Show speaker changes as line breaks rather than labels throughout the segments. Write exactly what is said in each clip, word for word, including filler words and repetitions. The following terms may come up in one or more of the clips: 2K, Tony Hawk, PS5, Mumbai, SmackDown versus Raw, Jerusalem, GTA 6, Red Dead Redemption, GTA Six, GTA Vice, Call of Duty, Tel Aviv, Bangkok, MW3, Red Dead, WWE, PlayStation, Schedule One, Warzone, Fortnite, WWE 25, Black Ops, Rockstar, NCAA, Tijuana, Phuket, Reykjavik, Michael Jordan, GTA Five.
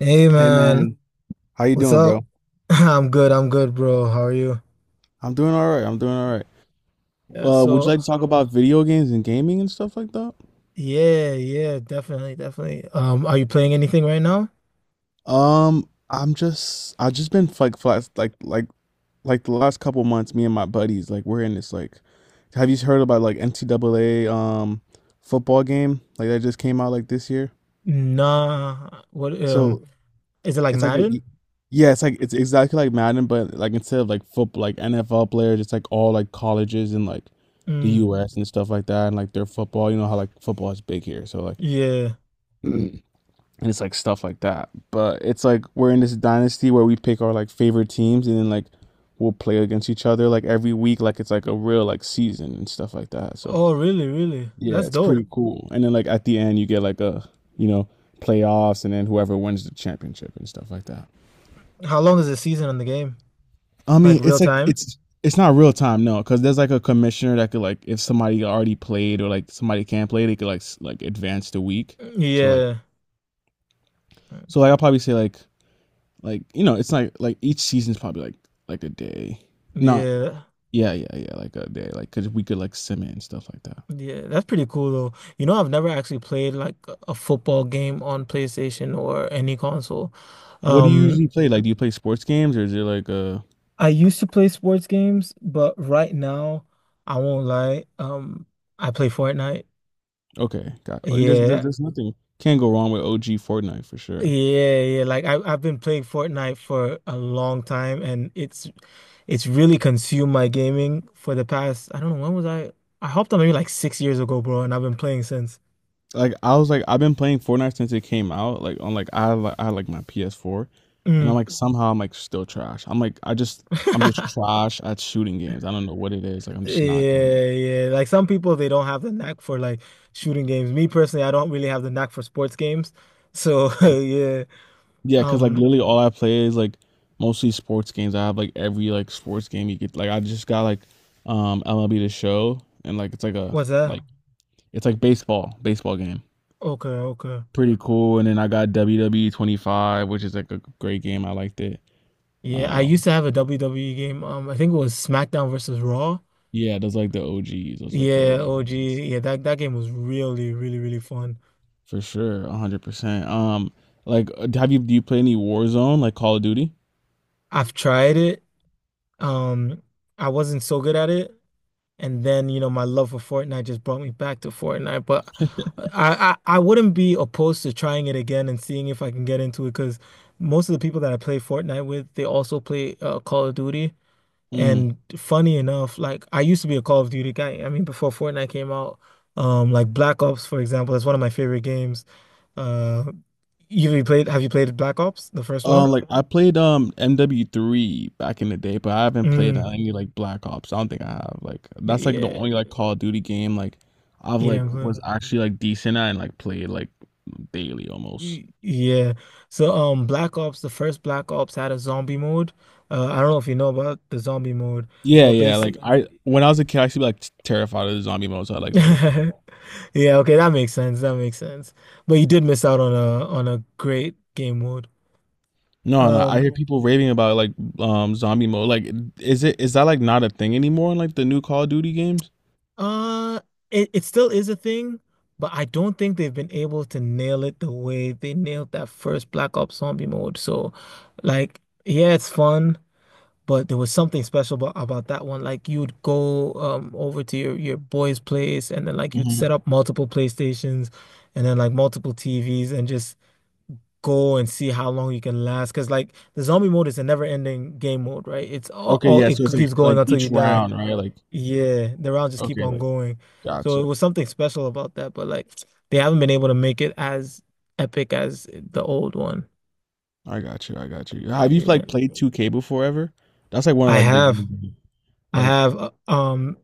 Hey
Hey
man,
man, how you
what's
doing,
up?
bro?
I'm good, I'm good, bro. How are you?
I'm doing all right. I'm doing all right.
Yeah,
Uh, would you like
so
to talk about video games and gaming and stuff like that?
yeah, yeah, definitely, definitely. Um, are you playing anything right now?
Um, I'm just I've just been like flat like like like the last couple months, me and my buddies, like we're in this like, have you heard about like N C A A um football game like that just came out like this year?
Nah. What um
So
is it like
It's like a,
Madden?
yeah, it's like it's exactly like Madden, but like instead of like football, like N F L players, it's like all like colleges and like the
Mm,
U S and stuff like that, and like their football. You know how like football is big here, so like,
yeah.
and it's like stuff like that. But it's like we're in this dynasty where we pick our, like, favorite teams, and then like we'll play against each other like every week, like it's like a real like season and stuff like that. So
Oh, really, really?
yeah,
That's
it's
dope.
pretty cool. And then like at the end, you get like a you know playoffs, and then whoever wins the championship and stuff like that.
How long is the season on the game?
I
Like
mean,
real
it's like
time?
it's it's not real time, no, because there's like a commissioner that could like if somebody already played or like somebody can't play, they could like s- like advance the week. So like
Yeah.
so like I'll probably say like like you know it's like like each season's probably like like a day. Not
Yeah.
Yeah, yeah, yeah, like a day, like because we could like sim it and stuff like that.
Yeah, that's pretty cool though. You know, I've never actually played like a football game on PlayStation or any console.
What do you usually
Um,
play? Like do you play sports games or is it like, uh
I used to play sports games, but right now, I won't lie. Um, I play Fortnite.
okay, got. And there's there's,
Yeah.
there's nothing can't go wrong with O G Fortnite for sure.
Yeah, yeah. Like I, I've been playing Fortnite for a long time and it's it's really consumed my gaming for the past, I don't know, when was I? I hopped on maybe like six years ago, bro, and I've been playing since.
Like I was like I've been playing Fortnite since it came out. Like on like I had, like I had, like my P S four, and I'm
Mm.
like somehow I'm like still trash. I'm like I just I'm just trash at shooting games. I don't know what it is. Like I'm just not.
Yeah, yeah. Like some people, they don't have the knack for like shooting games. Me personally, I don't really have the knack for sports games. So yeah.
Yeah, cause like
Um,
literally all I play is like mostly sports games. I have like every like sports game you get. Like I just got like um M L B The Show, and like it's like a
what's that?
like it's like baseball baseball game.
Okay, okay.
Pretty cool. And then I got W W E twenty-five, which is like a great game. I liked it.
Yeah, I used to
Um,
have a W W E game. Um, I think it was SmackDown versus Raw.
yeah, those like the O Gs. Those like the
Yeah,
O G.
O G. Yeah, that that game was really, really, really fun.
For sure, one hundred percent. Um like uh, have you do you play any Warzone like Call of Duty?
I've tried it. Um, I wasn't so good at it, and then you know my love for Fortnite just brought me back to Fortnite. But I I, I wouldn't be opposed to trying it again and seeing if I can get into it because most of the people that I play Fortnite with, they also play uh, Call of Duty.
Mm.
And funny enough, like I used to be a Call of Duty guy. I mean, before Fortnite came out, um, like Black Ops, for example, is one of my favorite games. Uh, you, you played? Have you played Black Ops, the first one?
Um like I played um M W three back in the day, but I haven't played uh,
Mm,
any like Black Ops. I don't think I have. Like that's like the
yeah,
only like Call of Duty game like I've
you
like
didn't play.
was actually like decent at and like played like daily almost.
Y- Yeah. So, um, Black Ops, the first Black Ops had a zombie mode. Uh, I don't know if you know about the zombie mode,
Yeah,
but
yeah. Like
basically,
I when I was a kid, I used to be like terrified of the zombie mode, so I like never played.
yeah, okay, that makes sense. That makes sense. But you did miss out on a on a great game mode.
No, no. I
Um.
hear people raving about like um zombie mode. Like, is it is that like not a thing anymore in like the new Call of Duty games?
Uh, it, it still is a thing, but I don't think they've been able to nail it the way they nailed that first Black Ops Zombie mode. So, like, yeah, it's fun, but there was something special about, about that one. Like, you'd go um over to your your boy's place, and then like you'd
Hmm.
set up multiple PlayStations, and then like multiple T Vs, and just go and see how long you can last. Because like the zombie mode is a never-ending game mode, right? It's all,
Okay,
all
yeah.
it
So it's like
keeps going
like
until you
each
die.
round, right? Like
Yeah, the rounds just keep
okay,
on
like
going. So
gotcha.
it was something special about that, but like they haven't been able to make it as epic as the old one.
I got you. I got you. Have you
Yeah.
like played two K before ever? That's like one of
I
like the
have
games.
I
Like
have uh, um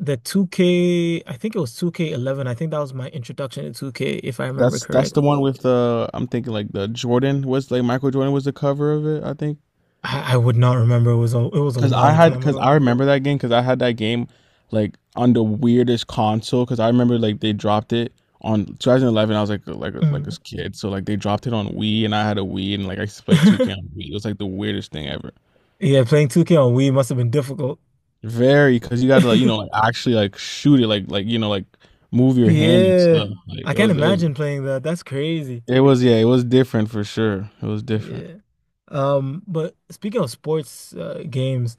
the two K, I think it was two K eleven. I think that was my introduction to two K if I remember
that's that's the
correctly.
one with the, I'm thinking like the Jordan was like Michael Jordan was the cover of it, I think.
I, I would not remember. It was a it was a
Cause I
long
had
time
cause
ago.
I remember that game because I had that game like on the weirdest console because I remember like they dropped it on twenty eleven. I was like like like
Mm.
this kid, so like they dropped it on Wii and I had a Wii and like I used to play two K on Wii. It was like the weirdest thing ever.
Yeah, playing two K on Wii must have been difficult.
Very, because you gotta like you know like actually like shoot it like like you know like move your hand and
Yeah.
stuff. Like
I
it
can't
was it was
imagine playing that. That's crazy.
it was, yeah, it was different for sure. It was different.
Yeah. Um, but speaking of sports uh, games,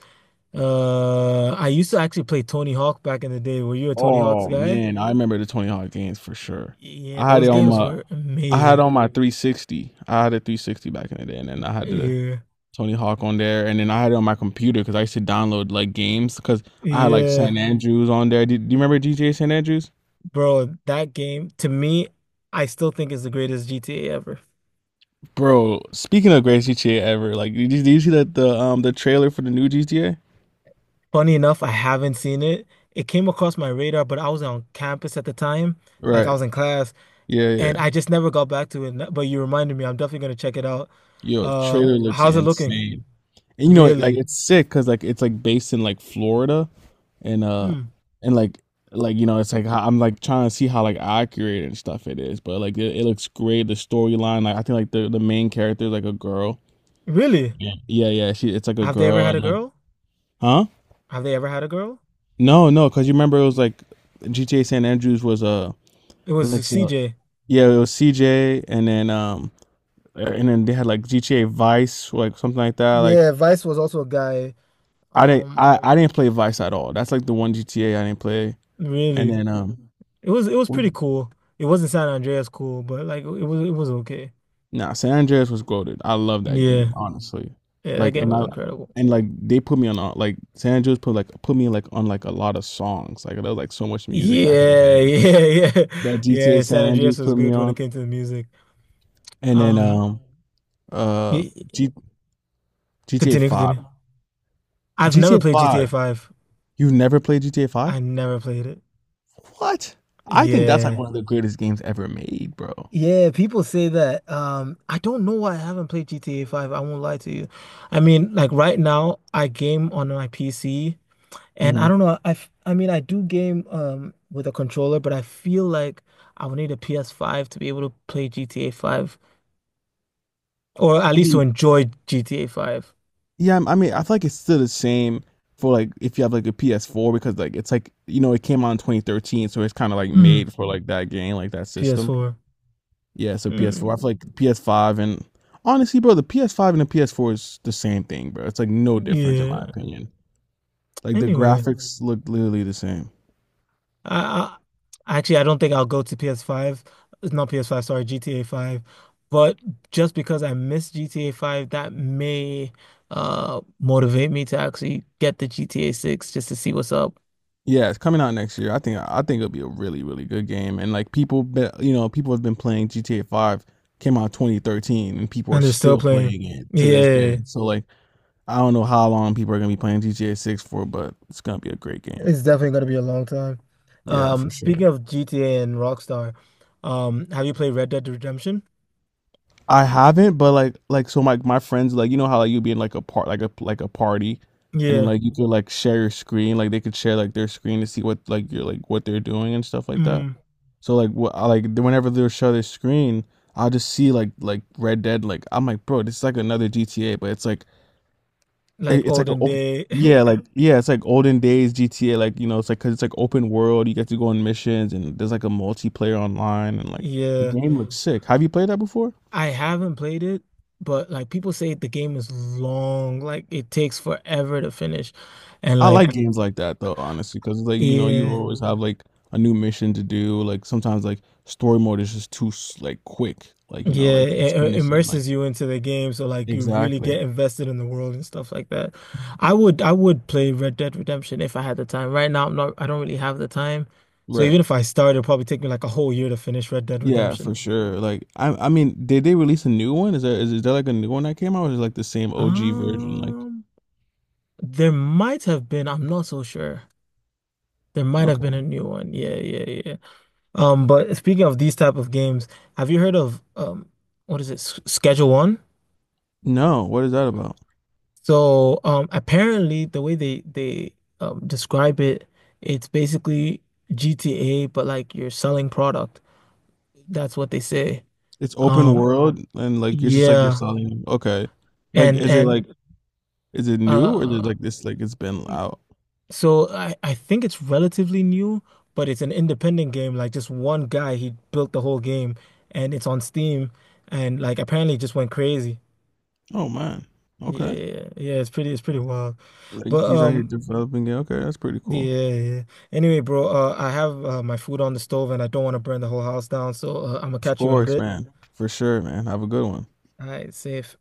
uh, I used to actually play Tony Hawk back in the day. Were you a Tony Hawk's
Oh
guy?
man, I remember the Tony Hawk games for sure.
Yeah,
I had
those
it on
games
my
were
I had
amazing.
on my three sixty. I had a three sixty back in the day, and then I had the
Yeah.
Tony Hawk on there, and then I had it on my computer because I used to download like games because I had like San
Yeah.
Andrews on there. Do, do you remember G T A San Andrews,
Bro, that game to me, I still think is the greatest G T A ever.
bro? Speaking of greatest G T A ever, like did you, did you see that the um the trailer for the new G T A?
Funny enough, I haven't seen it. It came across my radar, but I was on campus at the time, like I
Right.
was in class,
Yeah, yeah.
and I just never got back to it. But you reminded me, I'm definitely gonna check it out.
Yo,
Um,
trailer looks
how's it looking?
insane. And you know, it- like
Really?
it's sick because like it's like based in like Florida and uh
Hmm.
and like like you know it's like how, I'm like trying to see how like accurate and stuff it is, but like it, it looks great. The storyline, like I think like the the main character is like a girl.
Really?
Yeah, yeah, yeah. She It's like a
Have they ever
girl
had a
and like
girl?
huh?
Have they ever had a girl?
No, no, because you remember it was like G T A San Andreas was uh
It
it was like
was
so,
C J.
yeah, it was C J, and then um and then they had like G T A Vice like something like that, like
Yeah, Vice was also a guy.
I didn't
Um,
I, I didn't play Vice at all. That's like the one G T A I didn't play. And
really.
then um
It was it was pretty cool. It wasn't San Andreas cool, but like it was it was okay.
nah, San Andreas was goaded. I love that game,
Yeah.
honestly.
Yeah, that
Like
game
and
was
I
incredible.
and like they put me on a- like San Andreas put like put me like on like a lot of songs. Like there was like so much music back in the
Yeah,
day.
yeah, yeah.
That
Yeah,
G T A San
San Andreas
Andreas
was
put me
good when it
on.
came to the music.
And then
Um,
um uh
y-
G, GTA
continue,
five.
continue. I've never
G T A
played G T A
five.
five.
You've never played G T A five?
I never played it.
What? I think that's like
Yeah.
one of the greatest games ever made, bro.
Yeah, people say that. Um, I don't know why I haven't played G T A five. I won't lie to you. I mean, like right now, I game on my P C, and I don't
Hmm.
know. I, f- I mean, I do game um with a controller, but I feel like I would need a P S five to be able to play G T A five, or at
I
least to
mean,
enjoy G T A five.
yeah, I mean, I feel like it's still the same for like if you have like a P S four because like it's like you know it came out in twenty thirteen, so it's kind of like
Mm,
made for like that game, like that system.
P S four.
Yeah, so P S four. I
Mm,
feel like P S five and honestly, bro, the P S five and the P S four is the same thing, bro. It's like no difference in
yeah.
my opinion. Like the
Anyway.
graphics look literally the same.
I, I actually I don't think I'll go to P S five. It's not P S five, sorry, G T A five. But just because I miss G T A five, that may uh motivate me to actually get the G T A six just to see what's up.
Yeah, it's coming out next year. I think I think it'll be a really really good game. And like people, be, you know, people have been playing G T A Five. Came out twenty thirteen, and people are
And they're still
still
playing.
playing it to this day.
Yeah,
So like, I don't know how long people are gonna be playing G T A Six for, but it's gonna be a great game.
it's definitely gonna be a long time.
Yeah, for
Um, speaking
sure.
of G T A and Rockstar, um, have you played Red Dead Redemption?
I haven't, but like like so my my friends, like you know how like you'd be in like a part like a like a party, and then
Yeah.
like you could like share your screen, like they could share like their screen to see what like you're like what they're doing and stuff like that.
Mm,
So like wh- I- like whenever they'll show their screen, I'll just see like like Red Dead. Like I'm like, bro, this is like another G T A, but it's like it-
like
it's like an
olden
open,
day.
yeah, like yeah, it's like olden days G T A. Like you know, it's like because it's like open world. You get to go on missions, and there's like a multiplayer online, and like the
Yeah.
game looks sick. Have you played that before?
I haven't played it, but like people say the game is long, like it takes forever to finish. And
I like
like
games like that though, honestly, because like you know you
yeah,
always have like a new mission to do. Like sometimes like story mode is just too s- like quick. Like you know
yeah,
like
it
just
it
finish it. Like
immerses you into the game, so like you really
exactly,
get invested in the world and stuff like that. I would I would play Red Dead Redemption if I had the time. Right now I'm not I don't really have the time. So
right.
even if I start, it'll probably take me like a whole year to finish Red Dead
Yeah,
Redemption.
for sure. Like I I mean, did they release a new one? Is there is, is there like a new one that came out or is it like the same O G version? Like
Um, there might have been, I'm not so sure. There might have been
okay.
a new one. Yeah, yeah, yeah. Um, but speaking of these type of games, have you heard of um, what is it, S- Schedule One?
No, what is that about?
So um, apparently the way they they um, describe it, it's basically G T A, but like you're selling product. That's what they say.
It's open
Um,
world and like you're just like you're
yeah,
selling, okay. Like
and
is it
and
like is it new or is it
uh,
like this like it's been out?
so I I think it's relatively new, but it's an independent game. Like just one guy, he built the whole game, and it's on Steam, and like apparently it just went crazy.
Oh man. Okay.
Yeah, yeah, it's pretty, it's pretty wild,
Like
but
he's out here
um,
developing it. Okay, that's pretty cool.
yeah, yeah. Anyway, bro, uh, I have uh, my food on the stove and I don't want to burn the whole house down, so uh, I'm gonna
Of
catch you in a
course,
bit.
man. For sure, man. Have a good one.
All right, safe.